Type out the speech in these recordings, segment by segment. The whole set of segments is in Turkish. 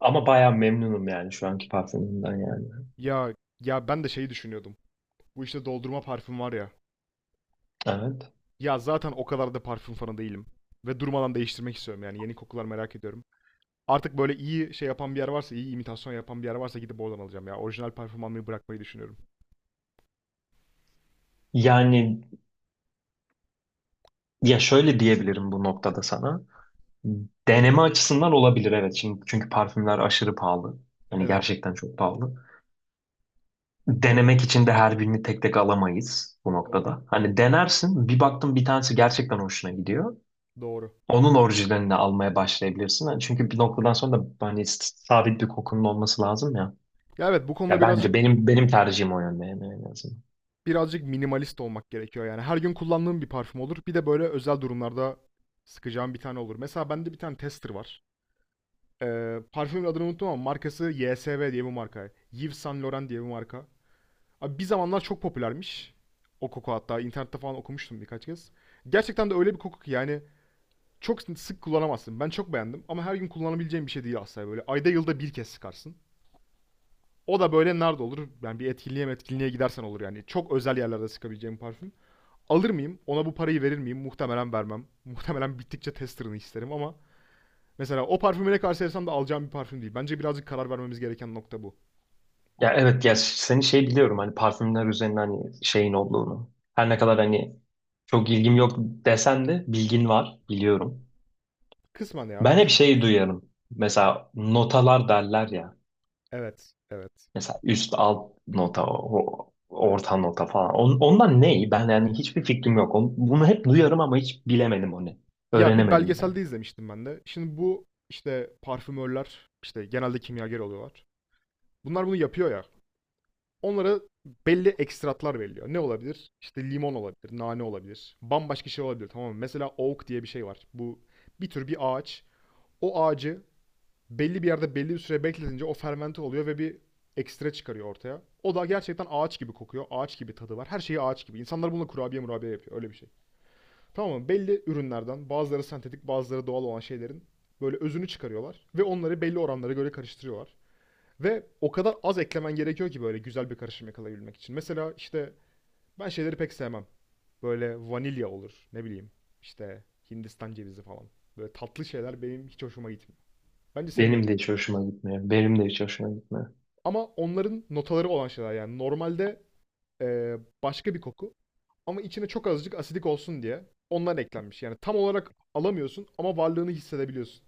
Ama bayağı memnunum yani şu anki parfümümden yani. Ya ya ben de şeyi düşünüyordum. Bu işte doldurma parfüm var ya. Evet. Ya zaten o kadar da parfüm fanı değilim. Ve durmadan değiştirmek istiyorum yani yeni kokular merak ediyorum. Artık böyle iyi şey yapan bir yer varsa, iyi imitasyon yapan bir yer varsa gidip oradan alacağım ya. Orijinal parfüm almayı bırakmayı düşünüyorum. Yani ya şöyle diyebilirim bu noktada sana. Deneme açısından olabilir, evet. Şimdi çünkü parfümler aşırı pahalı. Hani Evet, gerçekten çok pahalı. Denemek için de her birini tek tek alamayız bu doğru. noktada. Hani denersin, bir baktın bir tanesi gerçekten hoşuna gidiyor. Doğru. Onun orijinalini almaya başlayabilirsin. Hani çünkü bir noktadan sonra da hani sabit bir kokunun olması lazım ya. Ya evet bu konuda Ya bence birazcık benim tercihim o yönde yani, en azından. Minimalist olmak gerekiyor yani. Her gün kullandığım bir parfüm olur. Bir de böyle özel durumlarda sıkacağım bir tane olur. Mesela bende bir tane tester var. Parfümün adını unuttum ama markası YSV diye bir marka. Yves Saint Laurent diye bir marka. Abi bir zamanlar çok popülermiş. O koku hatta internette falan okumuştum birkaç kez. Gerçekten de öyle bir koku ki yani çok sık kullanamazsın. Ben çok beğendim ama her gün kullanabileceğim bir şey değil aslında böyle. Ayda yılda bir kez sıkarsın. O da böyle nerede olur? Yani bir etkinliğe gidersen olur yani. Çok özel yerlerde sıkabileceğim parfüm. Alır mıyım? Ona bu parayı verir miyim? Muhtemelen vermem. Muhtemelen bittikçe testerını isterim ama mesela o parfümü ne karşılarsam da alacağım bir parfüm değil. Bence birazcık karar vermemiz gereken nokta bu. Ya evet, ya seni şey biliyorum, hani parfümler üzerinden hani şeyin olduğunu. Her ne kadar hani çok ilgim yok desem de bilgin var, biliyorum. Kısmen ya, Ben hep kısmen şey var. duyarım. Mesela notalar derler ya. Evet, evet. Mesela üst alt nota, orta nota falan. Ondan ne? Ben yani hiçbir fikrim yok. Bunu hep duyarım ama hiç bilemedim onu. Ya bir Öğrenemedim yani. belgeselde izlemiştim ben de. Şimdi bu işte parfümörler işte genelde kimyager oluyorlar. Bunlar bunu yapıyor ya. Onlara belli ekstratlar veriliyor. Ne olabilir? İşte limon olabilir, nane olabilir. Bambaşka şey olabilir, tamam mı? Mesela oak diye bir şey var. Bu bir tür bir ağaç. O ağacı belli bir yerde belli bir süre bekletince o fermente oluyor ve bir ekstra çıkarıyor ortaya. O da gerçekten ağaç gibi kokuyor. Ağaç gibi tadı var. Her şeyi ağaç gibi. İnsanlar bununla kurabiye murabiye yapıyor. Öyle bir şey. Tamam mı? Belli ürünlerden bazıları sentetik bazıları doğal olan şeylerin böyle özünü çıkarıyorlar. Ve onları belli oranlara göre karıştırıyorlar. Ve o kadar az eklemen gerekiyor ki böyle güzel bir karışım yakalayabilmek için. Mesela işte ben şeyleri pek sevmem. Böyle vanilya olur, ne bileyim işte Hindistan cevizi falan. Böyle tatlı şeyler benim hiç hoşuma gitmiyor. Bence senin de Benim de hiç gitmiyordur. hoşuma gitmiyor. Benim de hiç hoşuma gitmiyor. Ama onların notaları olan şeyler yani normalde eee, başka bir koku ama içine çok azıcık asidik olsun diye ondan eklenmiş. Yani tam olarak alamıyorsun ama varlığını hissedebiliyorsun.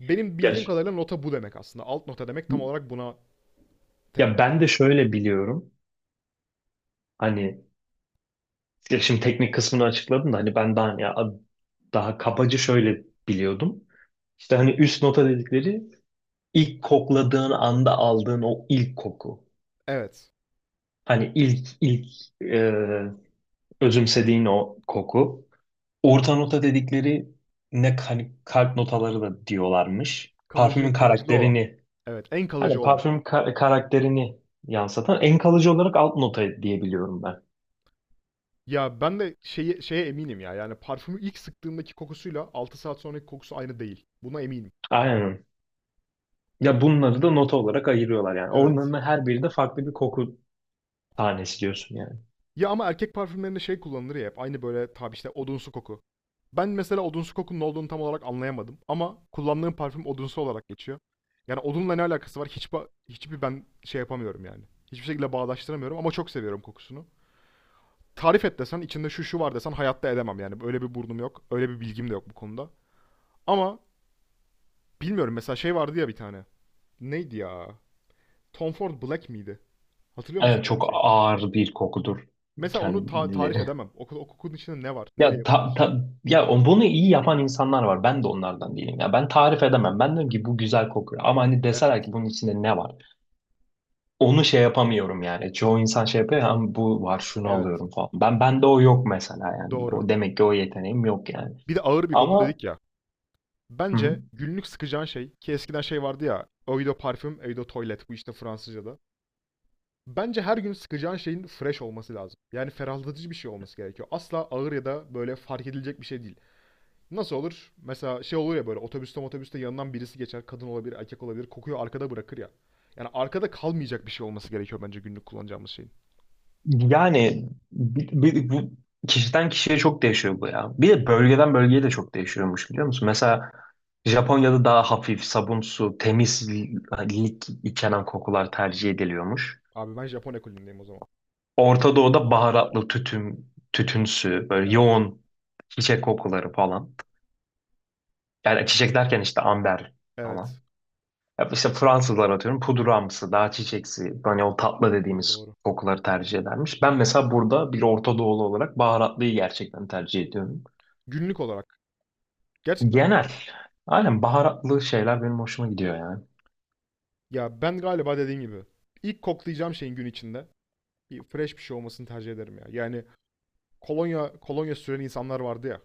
Benim Ya, bildiğim kadarıyla nota bu demek aslında. Alt nota demek tam olarak buna ya tekabül ben ediyor. de şöyle biliyorum. Hani ya şimdi teknik kısmını açıkladım da hani ben daha ya daha kabaca şöyle biliyordum. İşte hani üst nota dedikleri, ilk kokladığın anda aldığın o ilk koku. Evet. Hani ilk e, özümsediğin o koku. Orta nota dedikleri ne, hani kalp notaları da diyorlarmış. Parfümün Kalıcı, kalıcılığı olan. karakterini, Evet, en kalıcı hani olan. parfüm karakterini yansıtan en kalıcı olarak alt nota diyebiliyorum ben. Ya ben de şeye eminim ya. Yani parfümü ilk sıktığımdaki kokusuyla 6 saat sonraki kokusu aynı değil. Buna eminim. Aynen. Ya bunları da nota olarak ayırıyorlar yani. Evet. Onların her biri de farklı bir koku tanesi diyorsun yani. Ya ama erkek parfümlerinde şey kullanılır ya hep. Aynı böyle tabi işte odunsu koku. Ben mesela odunsu kokunun ne olduğunu tam olarak anlayamadım. Ama kullandığım parfüm odunsu olarak geçiyor. Yani odunla ne alakası var? Hiç hiçbir ben şey yapamıyorum yani. Hiçbir şekilde bağdaştıramıyorum ama çok seviyorum kokusunu. Tarif et desen içinde şu şu var desen hayatta edemem yani. Öyle bir burnum yok. Öyle bir bilgim de yok bu konuda. Ama bilmiyorum, mesela şey vardı ya bir tane. Neydi ya? Tom Ford Black miydi? Hatırlıyor musun Evet, öyle bir çok şey? ağır bir kokudur Mesela onu tarif kendileri. edemem. O, o kokunun içinde ne var? Ya Neyle yapılmış? Bunu iyi yapan insanlar var. Ben de onlardan değilim. Ya ben tarif edemem. Ben diyorum ki bu güzel kokuyor. Ama hani deseler Evet. ki bunun içinde ne var? Onu şey yapamıyorum yani. Çoğu insan şey yapıyor. Ama bu var şunu Evet. alıyorum falan. Ben, bende o yok mesela yani. Doğru. O demek ki, o yeteneğim yok yani. Bir de ağır bir koku Ama dedik ya. hı hı. Bence günlük sıkacağın şey, ki eskiden şey vardı ya. Eau de parfüm, eau de toilet bu işte Fransızca'da. Bence her gün sıkacağın şeyin fresh olması lazım. Yani ferahlatıcı bir şey olması gerekiyor. Asla ağır ya da böyle fark edilecek bir şey değil. Nasıl olur? Mesela şey olur ya, böyle otobüste yanından birisi geçer. Kadın olabilir, erkek olabilir. Kokuyu arkada bırakır ya. Yani arkada kalmayacak bir şey olması gerekiyor bence günlük kullanacağımız şeyin. Yani bu kişiden kişiye çok değişiyor bu ya. Bir de bölgeden bölgeye de çok değişiyormuş, biliyor musun? Mesela Japonya'da daha hafif, sabunsu, temiz lik içeren kokular tercih ediliyormuş. Abi ben Japon ekolündeyim o zaman. Orta Doğu'da baharatlı, tütün, tütünsü, böyle Evet. yoğun çiçek kokuları falan. Yani çiçek derken işte amber Evet. falan. Ya işte Fransızlar atıyorum pudramsı, daha çiçeksi, hani o tatlı Doğru dediğimiz doğru. kokuları tercih edermiş. Ben mesela burada bir Orta Doğulu olarak baharatlıyı gerçekten tercih ediyorum. Günlük olarak. Gerçekten mi? Genel. Aynen, baharatlı şeyler benim hoşuma gidiyor yani. Ya ben galiba dediğim gibi ilk koklayacağım şeyin gün içinde bir fresh bir şey olmasını tercih ederim ya. Yani kolonya süren insanlar vardı ya.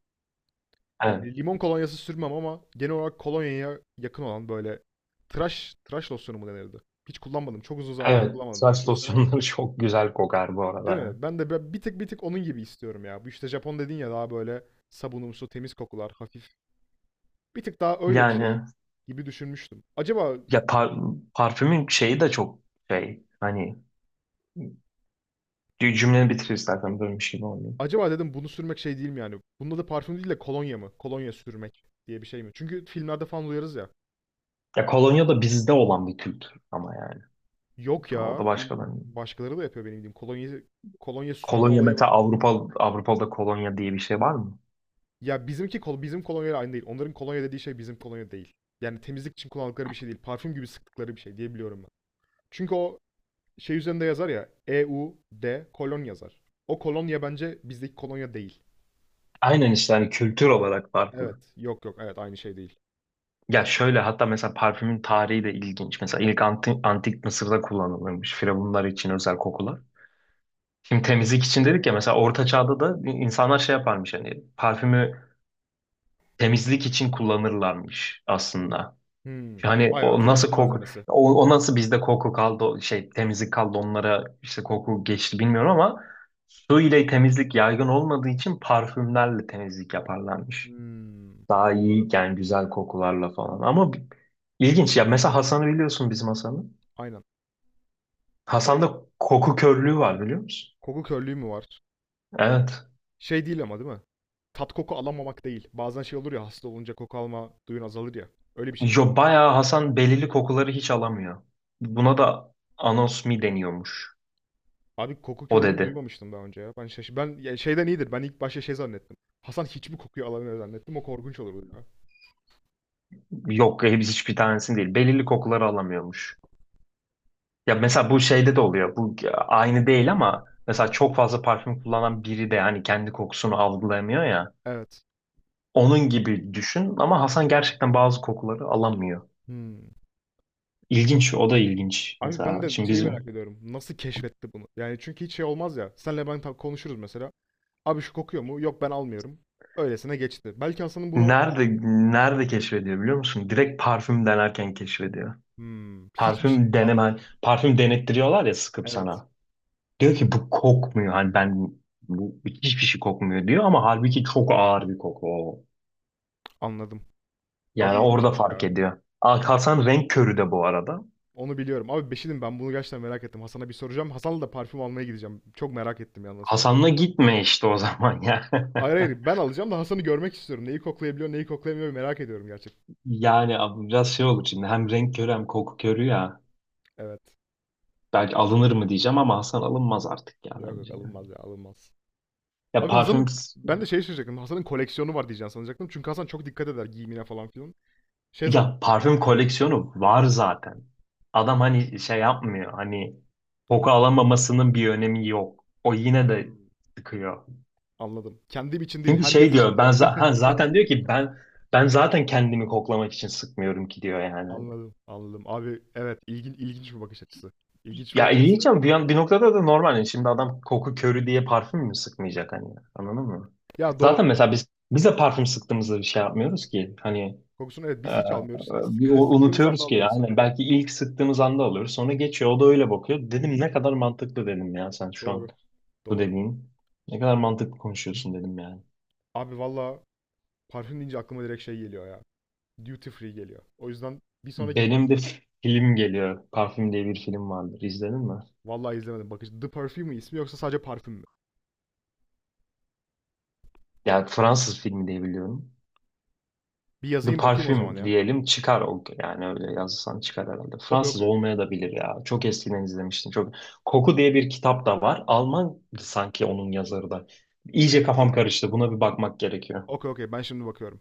Evet, Yani limon kolonyası sürmem ama genel olarak kolonyaya yakın olan böyle tıraş losyonu mu denirdi? Hiç kullanmadım. Çok uzun zamandır evet. kullanmadım tıraş Saç losyonu ama losyonları çok güzel kokar bu arada, değil ya. mi? Ben de bir tık bir tık onun gibi istiyorum ya. Bu işte Japon dedin ya daha böyle sabunumsu, temiz kokular, hafif. Bir tık daha öyle bir şey Yani gibi düşünmüştüm. Acaba ya parfümün şeyi de çok şey, hani cümleni bitir istersen, bölmüş gibi oluyor. Dedim bunu sürmek şey değil mi yani? Bunda da parfüm değil de kolonya mı? Kolonya sürmek diye bir şey mi? Çünkü filmlerde falan duyarız ya. Ya kolonya da bizde olan bir kültür ama yani Yok o ya. da başkalarının. Başkaları da yapıyor benim bildiğim. Kolonya sürme Kolonya olayı var. mesela Avrupa'da kolonya diye bir şey var mı? Ya bizimki bizim kolonyayla aynı değil. Onların kolonya dediği şey bizim kolonya değil. Yani temizlik için kullandıkları bir şey değil. Parfüm gibi sıktıkları bir şey diye biliyorum ben. Çünkü o şey üzerinde yazar ya, E U D kolon yazar. O kolonya bence bizdeki kolonya değil. Aynen işte, hani kültür olarak farklı. Evet. Yok yok, evet aynı şey değil. Ya şöyle, hatta mesela parfümün tarihi de ilginç. Mesela ilk antik Mısır'da kullanılırmış firavunlar için özel kokular. Şimdi temizlik için dedik ya, mesela Orta Çağ'da da insanlar şey yaparmış, hani parfümü temizlik için kullanırlarmış aslında. Hmm. Yani Bayağı o nasıl temizlik koku, malzemesi. O nasıl bizde koku kaldı, o şey temizlik kaldı, onlara işte koku geçti bilmiyorum ama su ile temizlik yaygın olmadığı için parfümlerle temizlik yaparlarmış. Hmm. Daha iyi Anladım. yani, güzel kokularla falan ama ilginç ya. Mesela Hasan'ı biliyorsun, bizim Hasan'ı. Aynen. Kole Hasan'da koku körlüğü var, biliyor musun? Koku körlüğü mü var? Evet. Şey değil ama, değil mi? Tat koku alamamak değil. Bazen şey olur ya, hasta olunca koku alma duyun azalır ya. Öyle bir şey mi? Yo, bayağı Hasan belirli kokuları hiç alamıyor. Buna da anosmi deniyormuş. Abi koku O körlüğünü dedi. duymamıştım daha önce ya. Ben şaş ben ya şeyden iyidir. Ben ilk başta şey zannettim. Hasan hiçbir kokuyu alamıyor zannettim. O korkunç olurdu ya. Yok, hepsi hiçbir tanesini değil. Belirli kokuları alamıyormuş. Ya mesela bu şeyde de oluyor. Bu aynı değil ama mesela çok fazla parfüm kullanan biri de hani kendi kokusunu algılayamıyor ya. Evet. Onun gibi düşün ama Hasan gerçekten bazı kokuları alamıyor. Hmm. İlginç, o da ilginç. Abi ben Mesela de şimdi şeyi biz merak ediyorum. Nasıl keşfetti bunu? Yani çünkü hiç şey olmaz ya. Senle ben konuşuruz mesela. Abi şu kokuyor mu? Yok, ben almıyorum. Öylesine geçti. Belki Hasan'ın bunu nerede nerede keşfediyor biliyor musun? Direkt parfüm denerken keşfediyor. hmm, hiçbir şey Parfüm deneme, anladım. parfüm denettiriyorlar ya, sıkıp Evet. sana. Diyor ki bu kokmuyor. Hani ben bu hiçbir şey kokmuyor diyor ama halbuki çok ağır bir koku o. Anladım. Yani Abi orada ilginçmiş fark ya. ediyor. Ah, Hasan renk körü de bu arada. Onu biliyorum. Abi Beşirim, ben bunu gerçekten merak ettim. Hasan'a bir soracağım. Hasan'la da parfüm almaya gideceğim. Çok merak ettim ya nasıl olacak. Hasan'la gitme işte o zaman ya. Hayır hayır, ben alacağım da Hasan'ı görmek istiyorum. Neyi koklayabiliyor, neyi koklayamıyor merak ediyorum gerçekten. Yani abi biraz şey olur şimdi, hem renk körü hem koku körü ya. Evet. Belki alınır mı diyeceğim ama Hasan alınmaz artık ya, Yok yok, bence. Ya, alınmaz ya, alınmaz. ya Abi parfüm, Hasan'ın ben de şey şaşıracaktım. Hasan'ın koleksiyonu var diyeceğim sanacaktım. Çünkü Hasan çok dikkat eder giyimine falan filan. Şey zan ya parfüm koleksiyonu var zaten. Adam hani şey yapmıyor. Hani koku alamamasının bir önemi yok. O yine de Hmm, sıkıyor. anladım. Kendim için değil Çünkü herkes şey için diyor, diyor. Ben zaten diyor ki ben zaten kendimi koklamak için sıkmıyorum ki diyor yani. anladım anladım. Abi evet, ilginç bir bakış açısı. İlginç bir Ya bakış açısı. ilginç ama bir, bir noktada da normal. Yani şimdi adam koku körü diye parfüm mü sıkmayacak, hani? Anladın mı? Ya Zaten doğru. mesela biz de parfüm sıktığımızda bir şey yapmıyoruz ki. Hani Kokusunu evet e, biz hiç almıyoruz ki. Bir sıktığımız anda unutuyoruz ki. alıyoruz sadece. Aynen, Evet, belki ilk sıktığımız anda alıyoruz. Sonra geçiyor. O da öyle bakıyor. Dedim ne kadar mantıklı, dedim ya sen şu an doğru bu doğru. dediğin. Ne kadar mantıklı konuşuyorsun, dedim yani. Abi valla parfüm deyince aklıma direkt şey geliyor ya. Duty free geliyor. O yüzden bir sonraki Benim parfüm de film geliyor. Parfüm diye bir film vardır. İzledin mi? vallahi izlemedim. Bakıcı The Perfume mi ismi yoksa sadece parfüm mü? Ya Fransız filmi diye biliyorum. Bir The yazayım bakayım o zaman Parfüm ya. diyelim çıkar o yani, öyle yazsan çıkar herhalde. Okey Fransız okey. olmaya da bilir ya. Çok eskiden izlemiştim. Çok Koku diye bir kitap da var. Alman sanki onun yazarı da. İyice kafam karıştı. Buna bir bakmak gerekiyor. Okey okey ben şimdi bakıyorum.